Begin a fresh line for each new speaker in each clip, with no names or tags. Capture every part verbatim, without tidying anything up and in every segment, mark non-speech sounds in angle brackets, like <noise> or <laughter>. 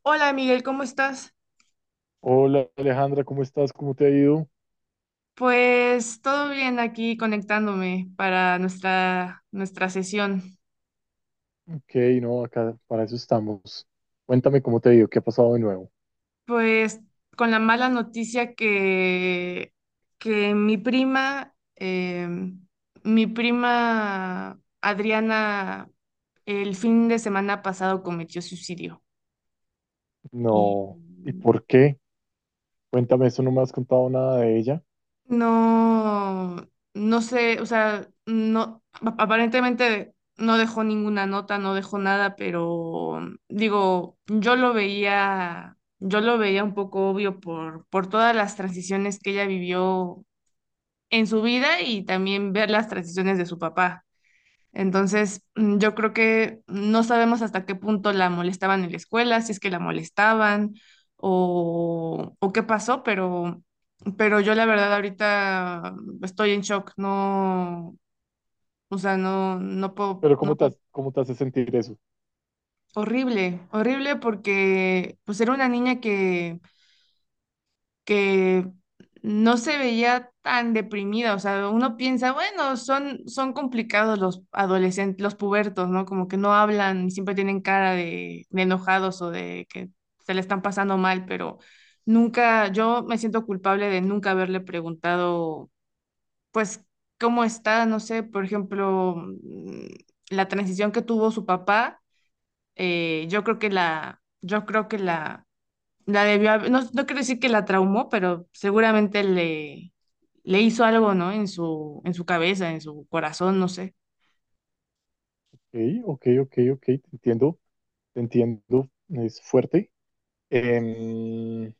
Hola Miguel, ¿cómo estás?
Hola Alejandra, ¿cómo estás? ¿Cómo te ha ido?
Pues todo bien aquí conectándome para nuestra, nuestra sesión.
Ok, no, acá para eso estamos. Cuéntame cómo te ha ido, qué ha pasado de nuevo.
Pues con la mala noticia que, que mi prima, eh, mi prima Adriana, el fin de semana pasado cometió suicidio. Y
No, ¿y por qué? Cuéntame eso, no me has contado nada de ella.
no, no sé, o sea, no, ap- aparentemente no dejó ninguna nota, no dejó nada, pero digo, yo lo veía, yo lo veía un poco obvio por, por todas las transiciones que ella vivió en su vida y también ver las transiciones de su papá. Entonces, mm, yo creo que no sabemos hasta qué punto la molestaban en la escuela, si es que la molestaban o, o qué pasó, pero, pero yo la verdad ahorita estoy en shock, no, o sea, no, no puedo,
Pero
no
¿cómo te,
puedo.
has- cómo te hace sentir eso?
Horrible, horrible porque pues era una niña que que no se veía tan deprimida. O sea, uno piensa, bueno, son, son complicados los adolescentes, los pubertos, ¿no? Como que no hablan y siempre tienen cara de, de enojados o de que se le están pasando mal, pero nunca, yo me siento culpable de nunca haberle preguntado, pues, ¿cómo está? No sé, por ejemplo, mm, la transición que tuvo su papá. eh, yo creo que la, yo creo que la la debió haber- No, no quiero decir que la traumó, pero seguramente le, le hizo algo, ¿no? En su, en su cabeza, en su corazón, no sé.
Ok, ok, ok, ok, te entiendo, te entiendo, es fuerte. Em,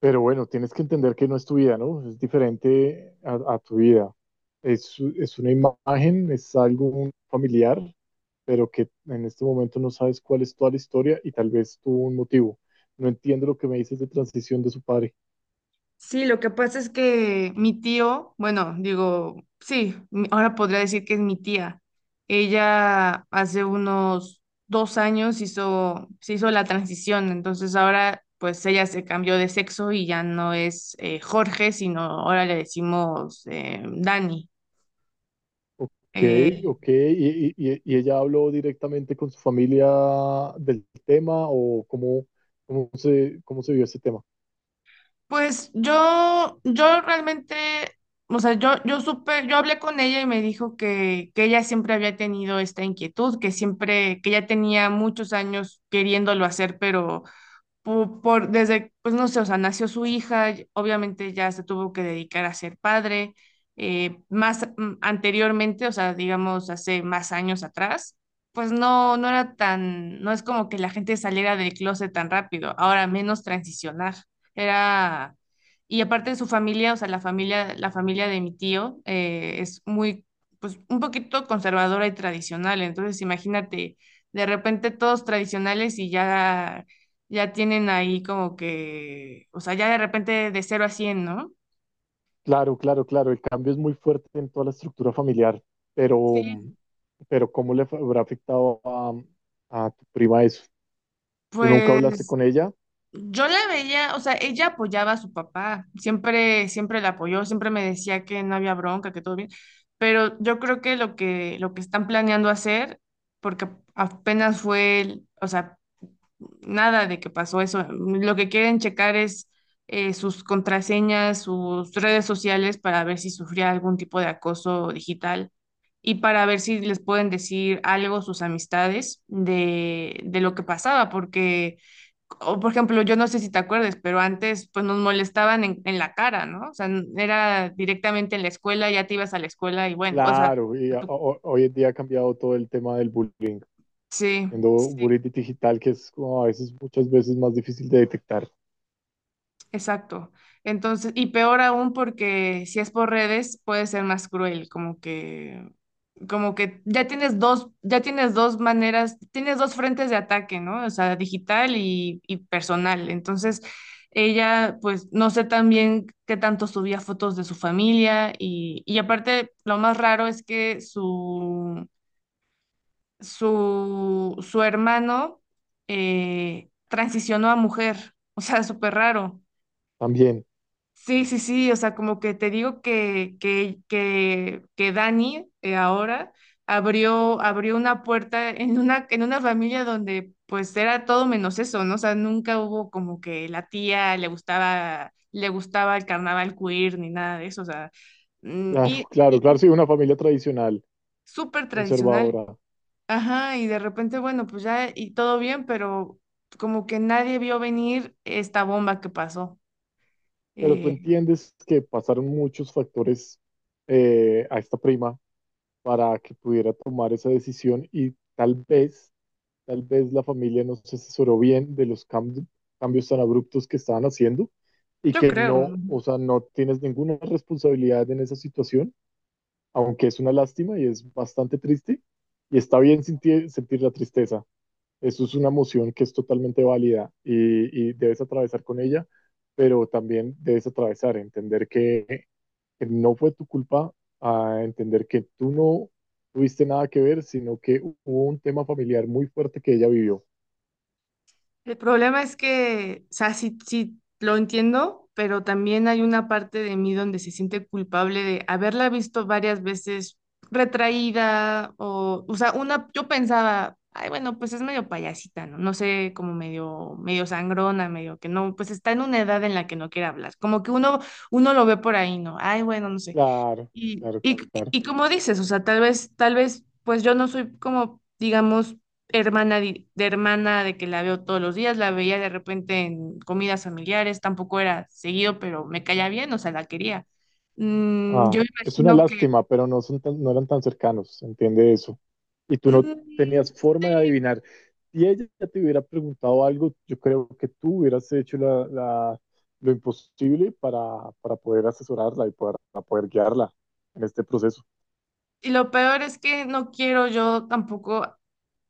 Pero bueno, tienes que entender que no es tu vida, ¿no? Es diferente a, a tu vida. Es, es una imagen, es algo familiar, pero que en este momento no sabes cuál es toda la historia y tal vez tuvo un motivo. No entiendo lo que me dices de transición de su padre.
Sí, lo que pasa es que mi tío, bueno, digo, sí, mi- ahora podría decir que es mi tía. Ella hace unos dos años hizo, se hizo la transición, entonces ahora pues ella se cambió de sexo y ya no es eh, Jorge, sino ahora le decimos eh, Dani.
Ok,
Eh,
ok. ¿Y, y- y y ella habló directamente con su familia del tema o cómo, cómo se, cómo se vio ese tema?
Pues yo, yo realmente, o sea, yo, yo supe, yo hablé con ella y me dijo que, que ella siempre había tenido esta inquietud, que siempre, que ya tenía muchos años queriéndolo hacer, pero pu- por, desde, pues no sé, o sea, nació su hija, y obviamente ya se tuvo que dedicar a ser padre. eh, más mm, anteriormente, o sea, digamos, hace más años atrás, pues no, no era tan, no es como que la gente saliera del closet tan rápido, ahora menos transicionar, era, y aparte de su familia, o sea, la familia, la familia, de mi tío eh, es muy, pues un poquito conservadora y tradicional, entonces imagínate, de repente todos tradicionales y ya ya tienen ahí como que, o sea, ya de repente de cero a cien, ¿no?
Claro, claro, claro, el cambio es muy fuerte en toda la estructura familiar, pero,
Sí,
pero ¿cómo le fa- habrá afectado a, a tu prima eso? ¿Tú nunca hablaste
pues
con ella?
yo la veía, o sea, ella apoyaba a su papá, siempre, siempre la apoyó, siempre me decía que no había bronca, que todo bien, pero yo creo que, lo que, lo que están planeando hacer, porque apenas fue, el- o sea, nada de que pasó eso, lo que quieren checar es eh, sus contraseñas, sus redes sociales para ver si sufría algún tipo de acoso digital y para ver si les pueden decir algo sus amistades de, de lo que pasaba, porque, o por ejemplo, yo no sé si te acuerdes, pero antes pues nos molestaban en, en, la cara, ¿no? O sea, era directamente en la escuela, ya te ibas a la escuela y bueno, o sea,
Claro, y a-
tú-
o- hoy en día ha cambiado todo el tema del bullying,
sí,
siendo
sí,
bullying digital, que es como a veces, muchas veces más difícil de detectar
exacto. Entonces, y peor aún porque si es por redes puede ser más cruel, como que, como que, ya tienes dos, ya tienes dos maneras, tienes dos frentes de ataque, ¿no? O sea, digital y, y personal. Entonces, ella, pues, no sé también qué tanto subía fotos de su familia y, y aparte, lo más raro es que su, su, su, hermano eh, transicionó a mujer, o sea, súper raro.
también.
Sí, sí, sí, o sea, como que te digo que, que, que, que, Dani eh, ahora abrió, abrió, una puerta en una, en una familia donde pues era todo menos eso, ¿no? O sea, nunca hubo como que la tía le gustaba, le gustaba el carnaval queer ni nada de eso, o sea, mm,
Claro,
y,
<laughs>
y-
claro, claro,
y
sí, una familia tradicional,
súper tradicional,
conservadora,
ajá, y de repente, bueno, pues ya y todo bien, pero como que nadie vio venir esta bomba que pasó,
pero tú
eh,
entiendes que pasaron muchos factores eh, a esta prima para que pudiera tomar esa decisión y tal vez, tal vez la familia no se asesoró bien de los cam- cambios tan abruptos que estaban haciendo y
yo
que
creo.
no, o sea, no tienes ninguna responsabilidad en esa situación, aunque es una lástima y es bastante triste y está bien sentir, sentir la tristeza. Eso es una emoción que es totalmente válida y, y debes atravesar con ella, pero también debes atravesar, entender que que no fue tu culpa a entender que tú no tuviste nada que ver, sino que hubo un tema familiar muy fuerte que ella vivió.
El problema es que, o sea, sí, sí lo entiendo, pero también hay una parte de mí donde se siente culpable de haberla visto varias veces retraída o, o sea, una, yo pensaba, ay, bueno, pues es medio payasita, ¿no? No sé, como medio, medio sangrona, medio que no, pues está en una edad en la que no quiere hablar. Como que uno, uno lo ve por ahí, ¿no? Ay, bueno, no sé.
Claro,
Y,
claro,
y,
claro.
y como dices, o sea, tal vez, tal vez, pues yo no soy como, digamos, hermana di- de, hermana de que la veo todos los días, la veía de repente en comidas familiares, tampoco era seguido, pero me caía bien, o sea, la quería. Mm, yo
Ah, es una
imagino que...
lástima, pero no, son tan- no eran tan cercanos, entiende eso. Y tú no
Mm,
tenías forma de
sí,
adivinar. Si ella te hubiera preguntado algo, yo creo que tú hubieras hecho la, la- lo imposible para, para poder asesorarla y poder, para poder guiarla en este proceso.
y lo peor es que no quiero yo tampoco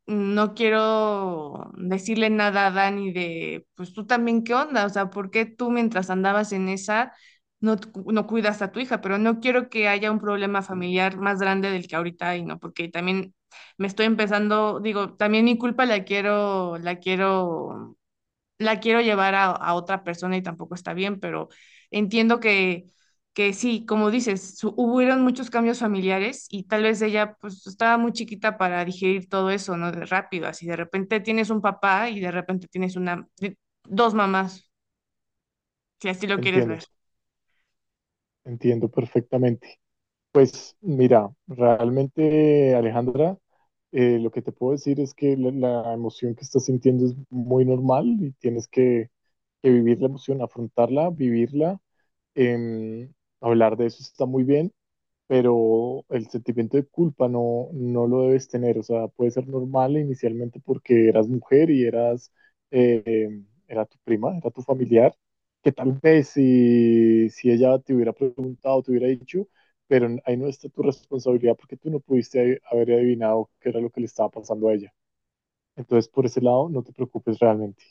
no quiero decirle nada a Dani de, pues tú también qué onda, o sea, ¿por qué tú mientras andabas en esa no, t- no cuidas a tu hija? Pero no quiero que haya un problema familiar más grande del que ahorita hay, ¿no? Porque también me estoy empezando, digo, también mi culpa la quiero, la quiero la quiero llevar a, a otra persona y tampoco está bien, pero entiendo que, que sí, como dices, su- hubieron muchos cambios familiares y tal vez ella pues estaba muy chiquita para digerir todo eso, ¿no? De rápido, así de repente tienes un papá y de repente tienes una, di- dos mamás, si así lo quieres ver.
Entiendo, entiendo perfectamente. Pues mira, realmente Alejandra, eh, lo que te puedo decir es que la, la emoción que estás sintiendo es muy normal y tienes que, que vivir la emoción, afrontarla, vivirla. em, Hablar de eso está muy bien pero el sentimiento de culpa no, no lo debes tener, o sea, puede ser normal inicialmente porque eras mujer y eras, eh, era tu prima, era tu familiar, que tal vez si, si ella te hubiera preguntado, te hubiera dicho, pero ahí no está tu responsabilidad porque tú no pudiste haber adivinado qué era lo que le estaba pasando a ella. Entonces, por ese lado, no te preocupes realmente.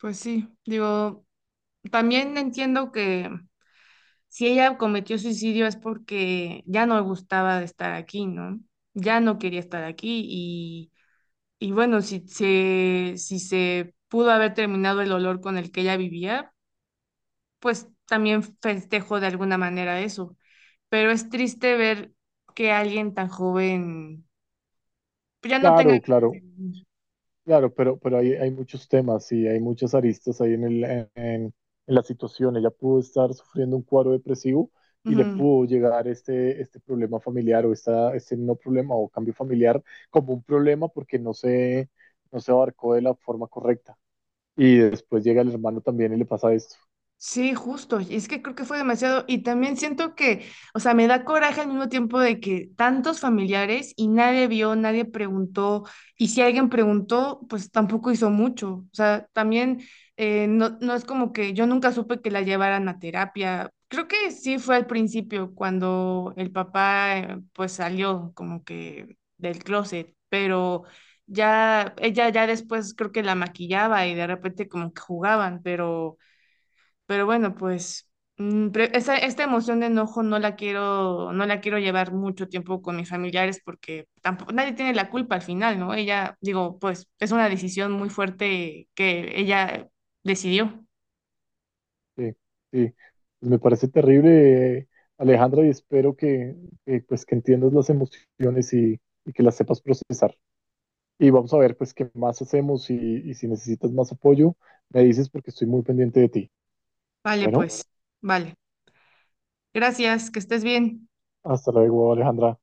Pues sí, digo, también entiendo que si ella cometió suicidio es porque ya no le gustaba de estar aquí, ¿no? Ya no quería estar aquí y Y bueno, si se, si se pudo haber terminado el olor con el que ella vivía, pues también festejo de alguna manera eso. Pero es triste ver que alguien tan joven ya no tenga
Claro,
ganas de
claro,
vivir.
claro, pero, pero hay, hay muchos temas y hay muchas aristas ahí en, el, en, en la situación. Ella pudo estar sufriendo un cuadro depresivo y le
Ujú.
pudo llegar este, este problema familiar o esta, este no problema o cambio familiar como un problema porque no se, no se abarcó de la forma correcta. Y después llega el hermano también y le pasa esto.
Sí, justo. Y es que creo que fue demasiado. Y también siento que, o sea, me da coraje al mismo tiempo de que tantos familiares y nadie vio, nadie preguntó. Y si alguien preguntó, pues tampoco hizo mucho. O sea, también eh, no, no es como que yo nunca supe que la llevaran a terapia. Creo que sí fue al principio cuando el papá eh, pues salió como que del closet, pero ya ella ya después creo que la maquillaba y de repente como que jugaban, pero pero bueno, pues mm, pre- esa- esta emoción de enojo no la quiero, no la quiero llevar mucho tiempo con mis familiares porque tampoco, nadie tiene la culpa al final, ¿no? Ella, digo, pues es una decisión muy fuerte que ella decidió.
Sí, sí. Pues me parece terrible, eh, Alejandra, y espero que, que, pues, que entiendas las emociones y, y que las sepas procesar. Y vamos a ver pues qué más hacemos y, y si necesitas más apoyo, me dices porque estoy muy pendiente de ti.
Vale,
Bueno,
pues, vale. Gracias, que estés bien.
hasta luego, Alejandra.